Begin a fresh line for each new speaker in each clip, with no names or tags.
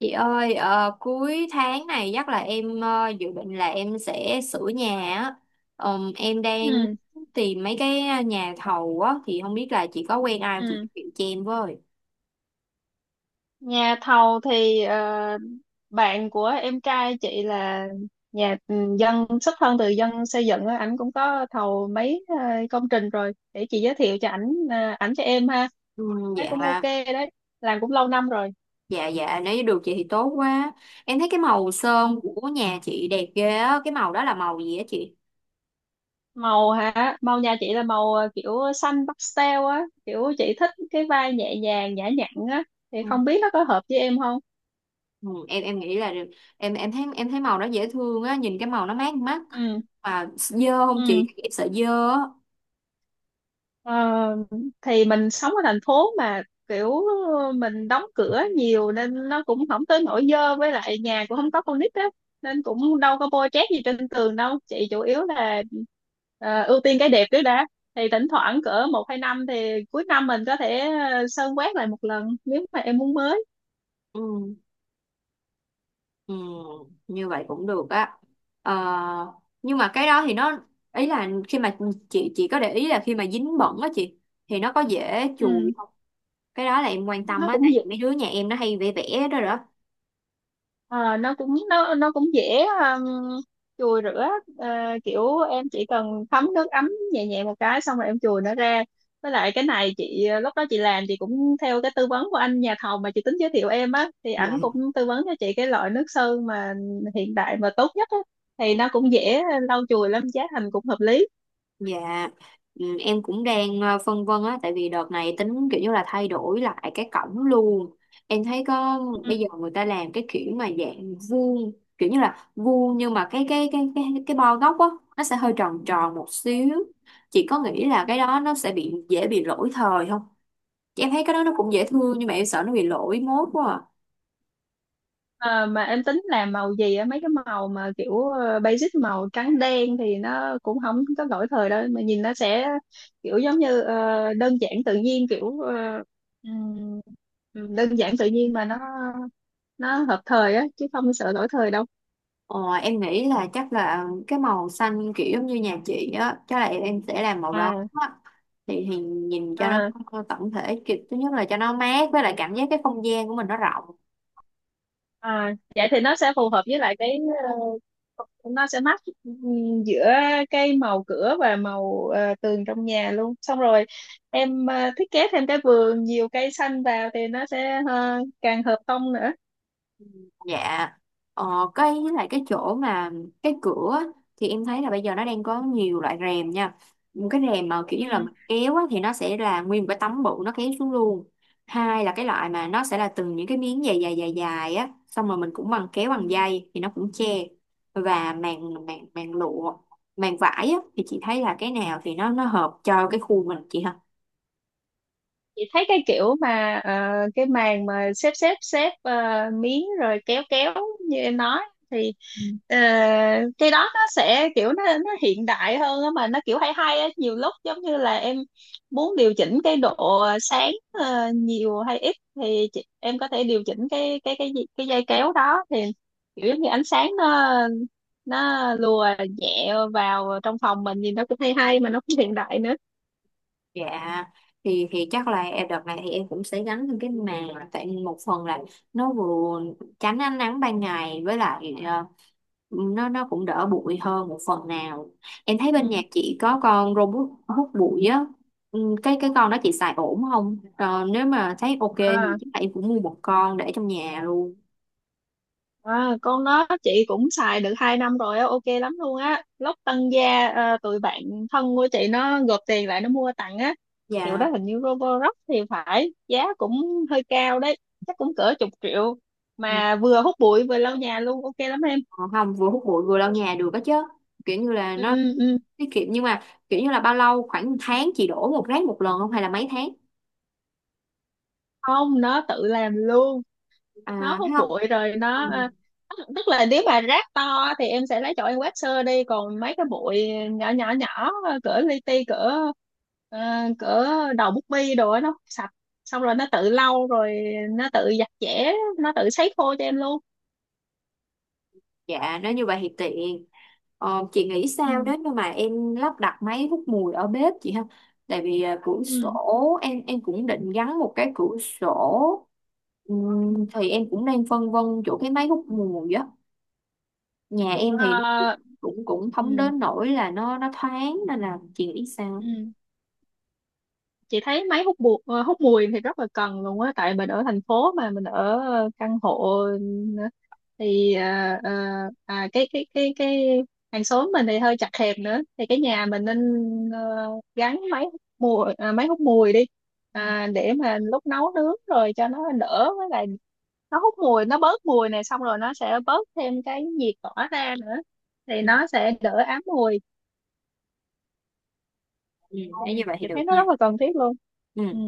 Chị ơi, cuối tháng này chắc là em dự định là em sẽ sửa nhà á. Em đang
Ừ.
tìm mấy cái nhà thầu á thì không biết là chị có quen ai không? Chị
Ừ.
giới thiệu cho em với.
Nhà thầu thì bạn của em trai chị là nhà dân, xuất thân từ dân xây dựng á, ảnh cũng có thầu mấy công trình rồi, để chị giới thiệu cho ảnh, ảnh cho em ha.
Ừ,
Thấy cũng ok
dạ,
đấy, làm cũng lâu năm rồi.
dạ nếu như được chị thì tốt quá. Em thấy cái màu sơn của nhà chị đẹp ghê á, cái màu đó là màu gì á chị?
Màu hả? Màu nhà chị là màu kiểu xanh pastel á, kiểu chị thích cái vai nhẹ nhàng nhã nhặn á, thì
Ừ,
không biết nó có hợp với em không.
ừ, em nghĩ là em thấy thấy màu đó dễ thương á, nhìn cái màu nó mát mắt.
Ừ.
Mà dơ không chị?
Ừ.
Em sợ dơ á.
Ờ, thì mình sống ở thành phố mà, kiểu mình đóng cửa nhiều nên nó cũng không tới nỗi dơ, với lại nhà cũng không có con nít á, nên cũng đâu có bôi trét gì trên tường đâu chị, chủ yếu là ưu tiên cái đẹp trước đã. Thì thỉnh thoảng cỡ 1 2 năm thì cuối năm mình có thể sơn quét lại một lần nếu mà em muốn mới.
Ừ. Ừ, như vậy cũng được á. Ờ, nhưng mà cái đó thì nó ý là khi mà chị có để ý là khi mà dính bẩn á chị thì nó có dễ chùi
Ừ.
không, cái đó là em quan tâm
Nó
á
cũng
tại
dễ.
vì mấy đứa nhà em nó hay vẽ vẽ đó
Ờ, nó cũng nó cũng dễ chùi rửa. Ờ, Kiểu em chỉ cần thấm nước ấm nhẹ nhẹ một cái xong rồi em chùi nó ra. Với lại cái này chị lúc đó chị làm, chị cũng theo cái tư vấn của anh nhà thầu mà chị tính giới thiệu em á, thì ảnh
đó.
cũng tư vấn cho chị cái loại nước sơn mà hiện đại mà tốt nhất á, thì nó cũng dễ lau chùi lắm, giá thành cũng hợp lý.
Dạ, ừ, em cũng đang phân vân á, tại vì đợt này tính kiểu như là thay đổi lại cái cổng luôn. Em thấy có bây giờ người ta làm cái kiểu mà dạng vuông, kiểu như là vuông nhưng mà cái bo góc á nó sẽ hơi tròn tròn một xíu. Chị có nghĩ là
Ừ.
cái đó nó sẽ bị dễ bị lỗi thời không? Chị em thấy cái đó nó cũng dễ thương nhưng mà em sợ nó bị lỗi mốt quá à.
Ờ, mà em tính làm màu gì á? Mấy cái màu mà kiểu basic, màu trắng đen thì nó cũng không có lỗi thời đâu, mà nhìn nó sẽ kiểu giống như đơn giản tự nhiên, kiểu ừm, đơn giản tự nhiên mà nó hợp thời á chứ không sợ lỗi thời đâu.
Ờ, em nghĩ là chắc là cái màu xanh kiểu giống như nhà chị á chắc là em sẽ làm màu đó
À,
á. Thì nhìn cho nó
à.
tổng thể kiểu thứ nhất là cho nó mát với lại cảm giác cái không gian của mình nó rộng.
À, vậy thì nó sẽ phù hợp với lại cái ờ, nó sẽ match, giữa cái màu cửa và màu tường trong nhà luôn. Xong rồi em thiết kế thêm cái vườn nhiều cây xanh vào thì nó sẽ càng hợp tông nữa.
Dạ, ờ, cái với lại cái chỗ mà cái cửa á, thì em thấy là bây giờ nó đang có nhiều loại rèm nha. Một cái rèm mà kiểu như là
Ừ.
mình kéo á, thì nó sẽ là nguyên một cái tấm bự nó kéo xuống luôn. Hai là cái loại mà nó sẽ là từng những cái miếng dài dài dài dài á, xong rồi mình cũng bằng kéo
Ừ.
bằng dây thì nó cũng che. Và màn màn màn lụa, màn vải á thì chị thấy là cái nào thì nó hợp cho cái khu mình chị ha.
Chị thấy cái kiểu mà cái màn mà xếp xếp xếp miếng rồi kéo kéo như em nói, thì ờ, cái đó nó sẽ kiểu nó hiện đại hơn á, mà nó kiểu hay hay á, nhiều lúc giống như là em muốn điều chỉnh cái độ sáng nhiều hay ít, thì em có thể điều chỉnh cái dây kéo đó, thì kiểu giống như ánh sáng nó lùa nhẹ vào trong phòng mình, nhìn nó cũng hay hay mà nó cũng hiện đại nữa.
Dạ, thì chắc là em đợt này thì em cũng sẽ gắn thêm cái màng tại một phần là nó vừa tránh ánh nắng ban ngày với lại nó cũng đỡ bụi hơn một phần nào. Em thấy bên nhà chị có con robot hút bụi á. Ừ, cái con đó chị xài ổn không? Ờ, nếu mà thấy ok thì
Ừ.
chắc là em cũng mua một con để trong nhà luôn.
À, con đó chị cũng xài được 2 năm rồi á, ok lắm luôn á. Lúc tăng gia tụi bạn thân của chị nó gộp tiền lại nó mua tặng á. Hiệu
Dạ.
đó hình như Roborock thì phải, giá cũng hơi cao đấy, chắc cũng cỡ chục triệu, mà vừa hút bụi vừa lau nhà luôn, ok lắm em.
Ờ, không, vừa hút bụi vừa lau nhà được đó chứ, kiểu như là
Ừ.
nó
Ừ.
tiết kiệm nhưng mà kiểu như là bao lâu, khoảng một tháng chị đổ một rác một lần không hay là mấy tháng?
Không, nó tự làm luôn.
À,
Nó hút
thấy không?
bụi rồi nó,
Ừ.
tức là nếu mà rác to thì em sẽ lấy chỗ em quét sơ đi, còn mấy cái bụi nhỏ nhỏ nhỏ cỡ li ti, ờ, cỡ đầu bút bi đồ á, nó hút sạch, xong rồi nó tự lau rồi, nó tự giặt giẻ, nó tự sấy khô cho em luôn.
Dạ, nếu như vậy thì tiện. Ờ, chị nghĩ
Ừ.
sao nếu như mà em lắp đặt máy hút mùi ở bếp chị ha? Tại vì à, cửa sổ
Ừ.
em cũng định gắn một cái cửa sổ.
Ừ.
Thì em cũng đang phân vân chỗ cái máy hút mùi á. Nhà em thì
Ờ.
cũng cũng không
Ừ.
đến nỗi là nó thoáng nên là chị nghĩ sao?
Ừ. Chị thấy máy hút bụi, hút mùi thì rất là cần luôn á, tại mình ở thành phố mà, mình ở căn hộ, ờ, thì cái hàng xóm mình thì hơi chật hẹp nữa, thì cái nhà mình nên ờ, gắn máy hút mùi, máy hút mùi đi,
Ừ.
để mà lúc nấu nướng rồi cho nó đỡ, với lại nó hút mùi nó bớt mùi này, xong rồi nó sẽ bớt thêm cái nhiệt tỏa ra nữa, thì nó sẽ đỡ ám mùi,
Ừ.
thì
Nếu như vậy thì
chị thấy
được
nó
nha.
rất là cần thiết luôn.
Ừ.
Ừ.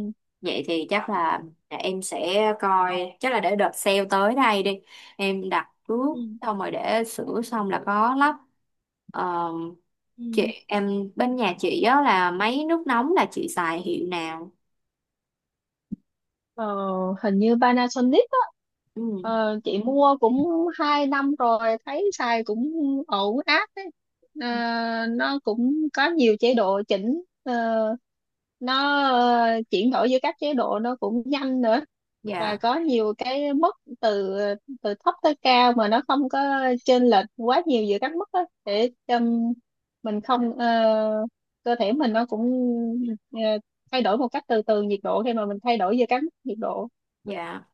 Vậy thì chắc là em sẽ coi, chắc là để đợt sale tới đây đi, em đặt trước
Ừ.
xong rồi để sửa xong là có lắp. Ờ, chị,
Ừ.
em bên nhà chị á là máy nước nóng là chị xài hiệu nào?
Ờ, Hình như Panasonic á.
Ừ,
Chị mua cũng 2 năm rồi, thấy xài cũng ổn áp đấy. Ờ, nó cũng có nhiều chế độ chỉnh, nó ờ, chuyển đổi giữa các chế độ nó cũng nhanh nữa. Và
dạ,
có nhiều cái mức từ từ thấp tới cao, mà nó không có chênh lệch quá nhiều giữa các mức á, để cho mình không cơ thể mình nó cũng ờ, thay đổi một cách từ từ nhiệt độ khi mà mình thay đổi giờ cắm nhiệt độ.
dạ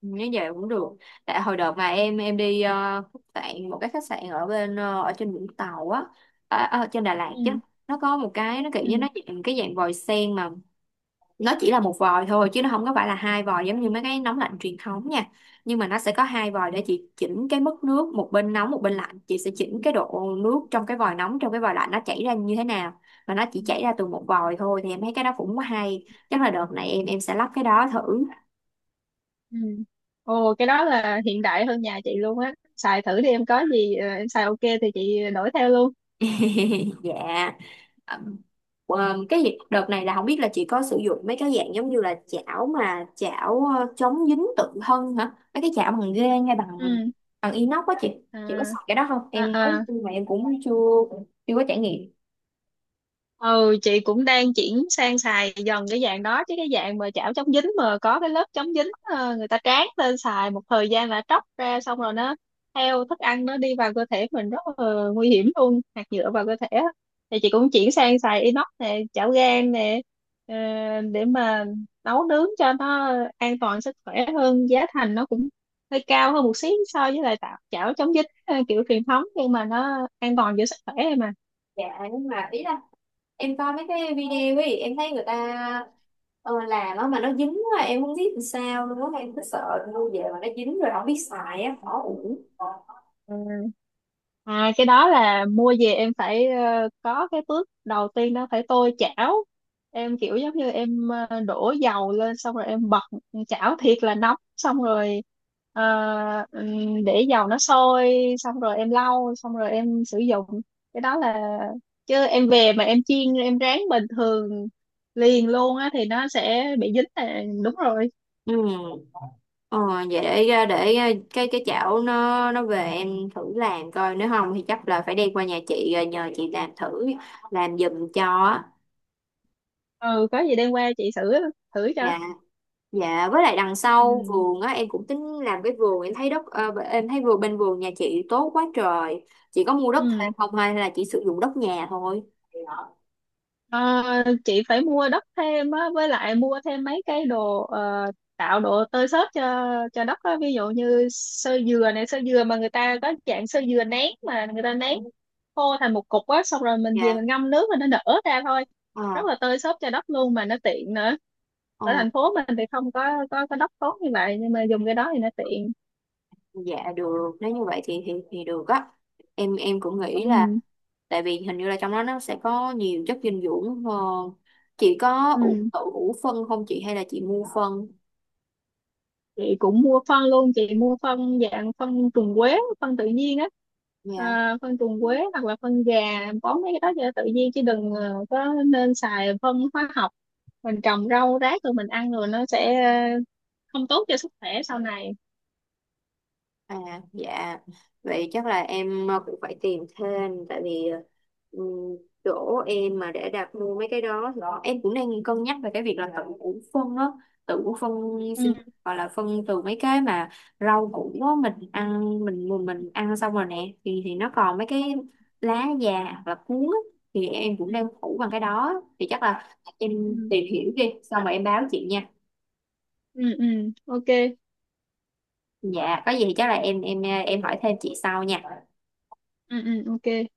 như vậy cũng được. Tại hồi đợt mà em đi khách sạn, một cái khách sạn ở bên ở trên Vũng Tàu á, ở, ở trên Đà Lạt
Ừ.
chứ, nó có một cái nó kiểu
Ừ.
như nó dạng cái dạng vòi sen mà nó chỉ là một vòi thôi chứ nó không có phải là hai vòi giống
Ừ.
như mấy cái nóng lạnh truyền thống nha. Nhưng mà nó sẽ có hai vòi để chị chỉnh cái mức nước, một bên nóng một bên lạnh, chị sẽ chỉnh cái độ nước trong cái vòi nóng trong cái vòi lạnh nó chảy ra như thế nào, mà nó
Ừ.
chỉ chảy ra từ một vòi thôi thì em thấy cái đó cũng hay. Chắc là đợt này em sẽ lắp cái đó thử.
Ừ. Ồ, cái đó là hiện đại hơn nhà chị luôn á, xài thử đi em, có gì em xài ok thì chị đổi theo luôn.
Dạ. À, ờ, đợt này là không biết là chị có sử dụng mấy cái dạng giống như là chảo mà chảo chống dính tự thân hả? Mấy cái chảo bằng ghê hay bằng
Ừ.
bằng inox á chị. Chị có
À.
xài cái đó không?
À.
Em có
À.
nhưng mà em cũng chưa chưa có trải nghiệm.
Ừ. Chị cũng đang chuyển sang xài dần cái dạng đó, chứ cái dạng mà chảo chống dính mà có cái lớp chống dính người ta tráng lên, xài một thời gian là tróc ra, xong rồi nó theo thức ăn nó đi vào cơ thể mình, rất là nguy hiểm luôn, hạt nhựa vào cơ thể á. Thì chị cũng chuyển sang xài inox nè, chảo gang nè, ờ, để mà nấu nướng cho nó an toàn sức khỏe hơn, giá thành nó cũng hơi cao hơn một xí so với lại tạo chảo chống dính, kiểu truyền thống, nhưng mà nó an toàn cho sức khỏe mà.
Dạ, nhưng mà ý là em coi mấy cái video ấy em thấy người ta ờ, làm á mà nó dính quá em không biết làm sao luôn á, em cứ sợ mua về mà nó dính rồi không biết xài á khó uổng.
Ừ. À, cái đó là mua về em phải có cái bước đầu tiên đó, phải tôi chảo. Em kiểu giống như em đổ dầu lên, xong rồi em bật chảo thiệt là nóng, xong rồi ờ, để dầu nó sôi, xong rồi em lau, xong rồi em sử dụng. Cái đó là, chứ em về mà em chiên em rán bình thường liền luôn á thì nó sẽ bị dính là đúng rồi.
Ừ. Ờ, vậy để cái chảo nó về em thử làm coi, nếu không thì chắc là phải đem qua nhà chị rồi nhờ chị làm thử làm giùm cho á.
Ừ, có gì đem qua chị thử thử cho.
Dạ, dạ với lại đằng sau
Ừ.
vườn á em cũng tính làm cái vườn, em thấy đất em thấy vườn bên vườn nhà chị tốt quá trời, chị có mua đất
Ừ.
thêm không hay là chỉ sử dụng đất nhà thôi?
Ờ, chị phải mua đất thêm á, với lại mua thêm mấy cái đồ, tạo độ tơi xốp cho đất á. Ví dụ như sơ dừa này, sơ dừa mà người ta có dạng sơ dừa nén, mà người ta nén khô thành một cục á, xong rồi mình về
Dạ.
mình ngâm nước rồi nó nở ra thôi.
Ờ,
Rất là tơi xốp cho đất luôn mà nó tiện nữa.
ờ.
Ở thành phố mình thì không có đất tốt như vậy, nhưng mà dùng cái đó thì nó tiện.
Dạ được, nếu như vậy thì thì được á. Em cũng nghĩ là
Ừ.
tại vì hình như là trong đó nó sẽ có nhiều chất dinh dưỡng hơn. Chị có ủ,
Ừ.
ủ phân không chị hay là chị mua phân?
Chị cũng mua phân luôn, chị mua phân dạng phân trùng quế, phân tự nhiên á.
Dạ.
À, phân trùng quế hoặc là phân gà, bón mấy cái đó cho tự nhiên, chứ đừng có nên xài phân hóa học, mình trồng rau rác rồi mình ăn rồi nó sẽ ờ, không tốt cho sức khỏe sau này.
À, dạ. Vậy chắc là em cũng phải tìm thêm tại vì ờ, ừm, chỗ em mà để đặt mua mấy cái đó thì em cũng đang cân nhắc về cái việc là tự củ phân đó, tự củ phân,
Ừ.
xin gọi là phân từ mấy cái mà rau củ đó, mình ăn mình mình ăn xong rồi nè thì nó còn mấy cái lá già hoặc là cuống á, thì em cũng
Ừ.
đang phủ bằng cái đó thì chắc là em
Ừ.
tìm hiểu đi xong rồi em báo chị nha.
Ừ. Ừ, ok.
Dạ có gì thì chắc là em hỏi thêm chị sau nha.
Ừ. Ừ. Ok.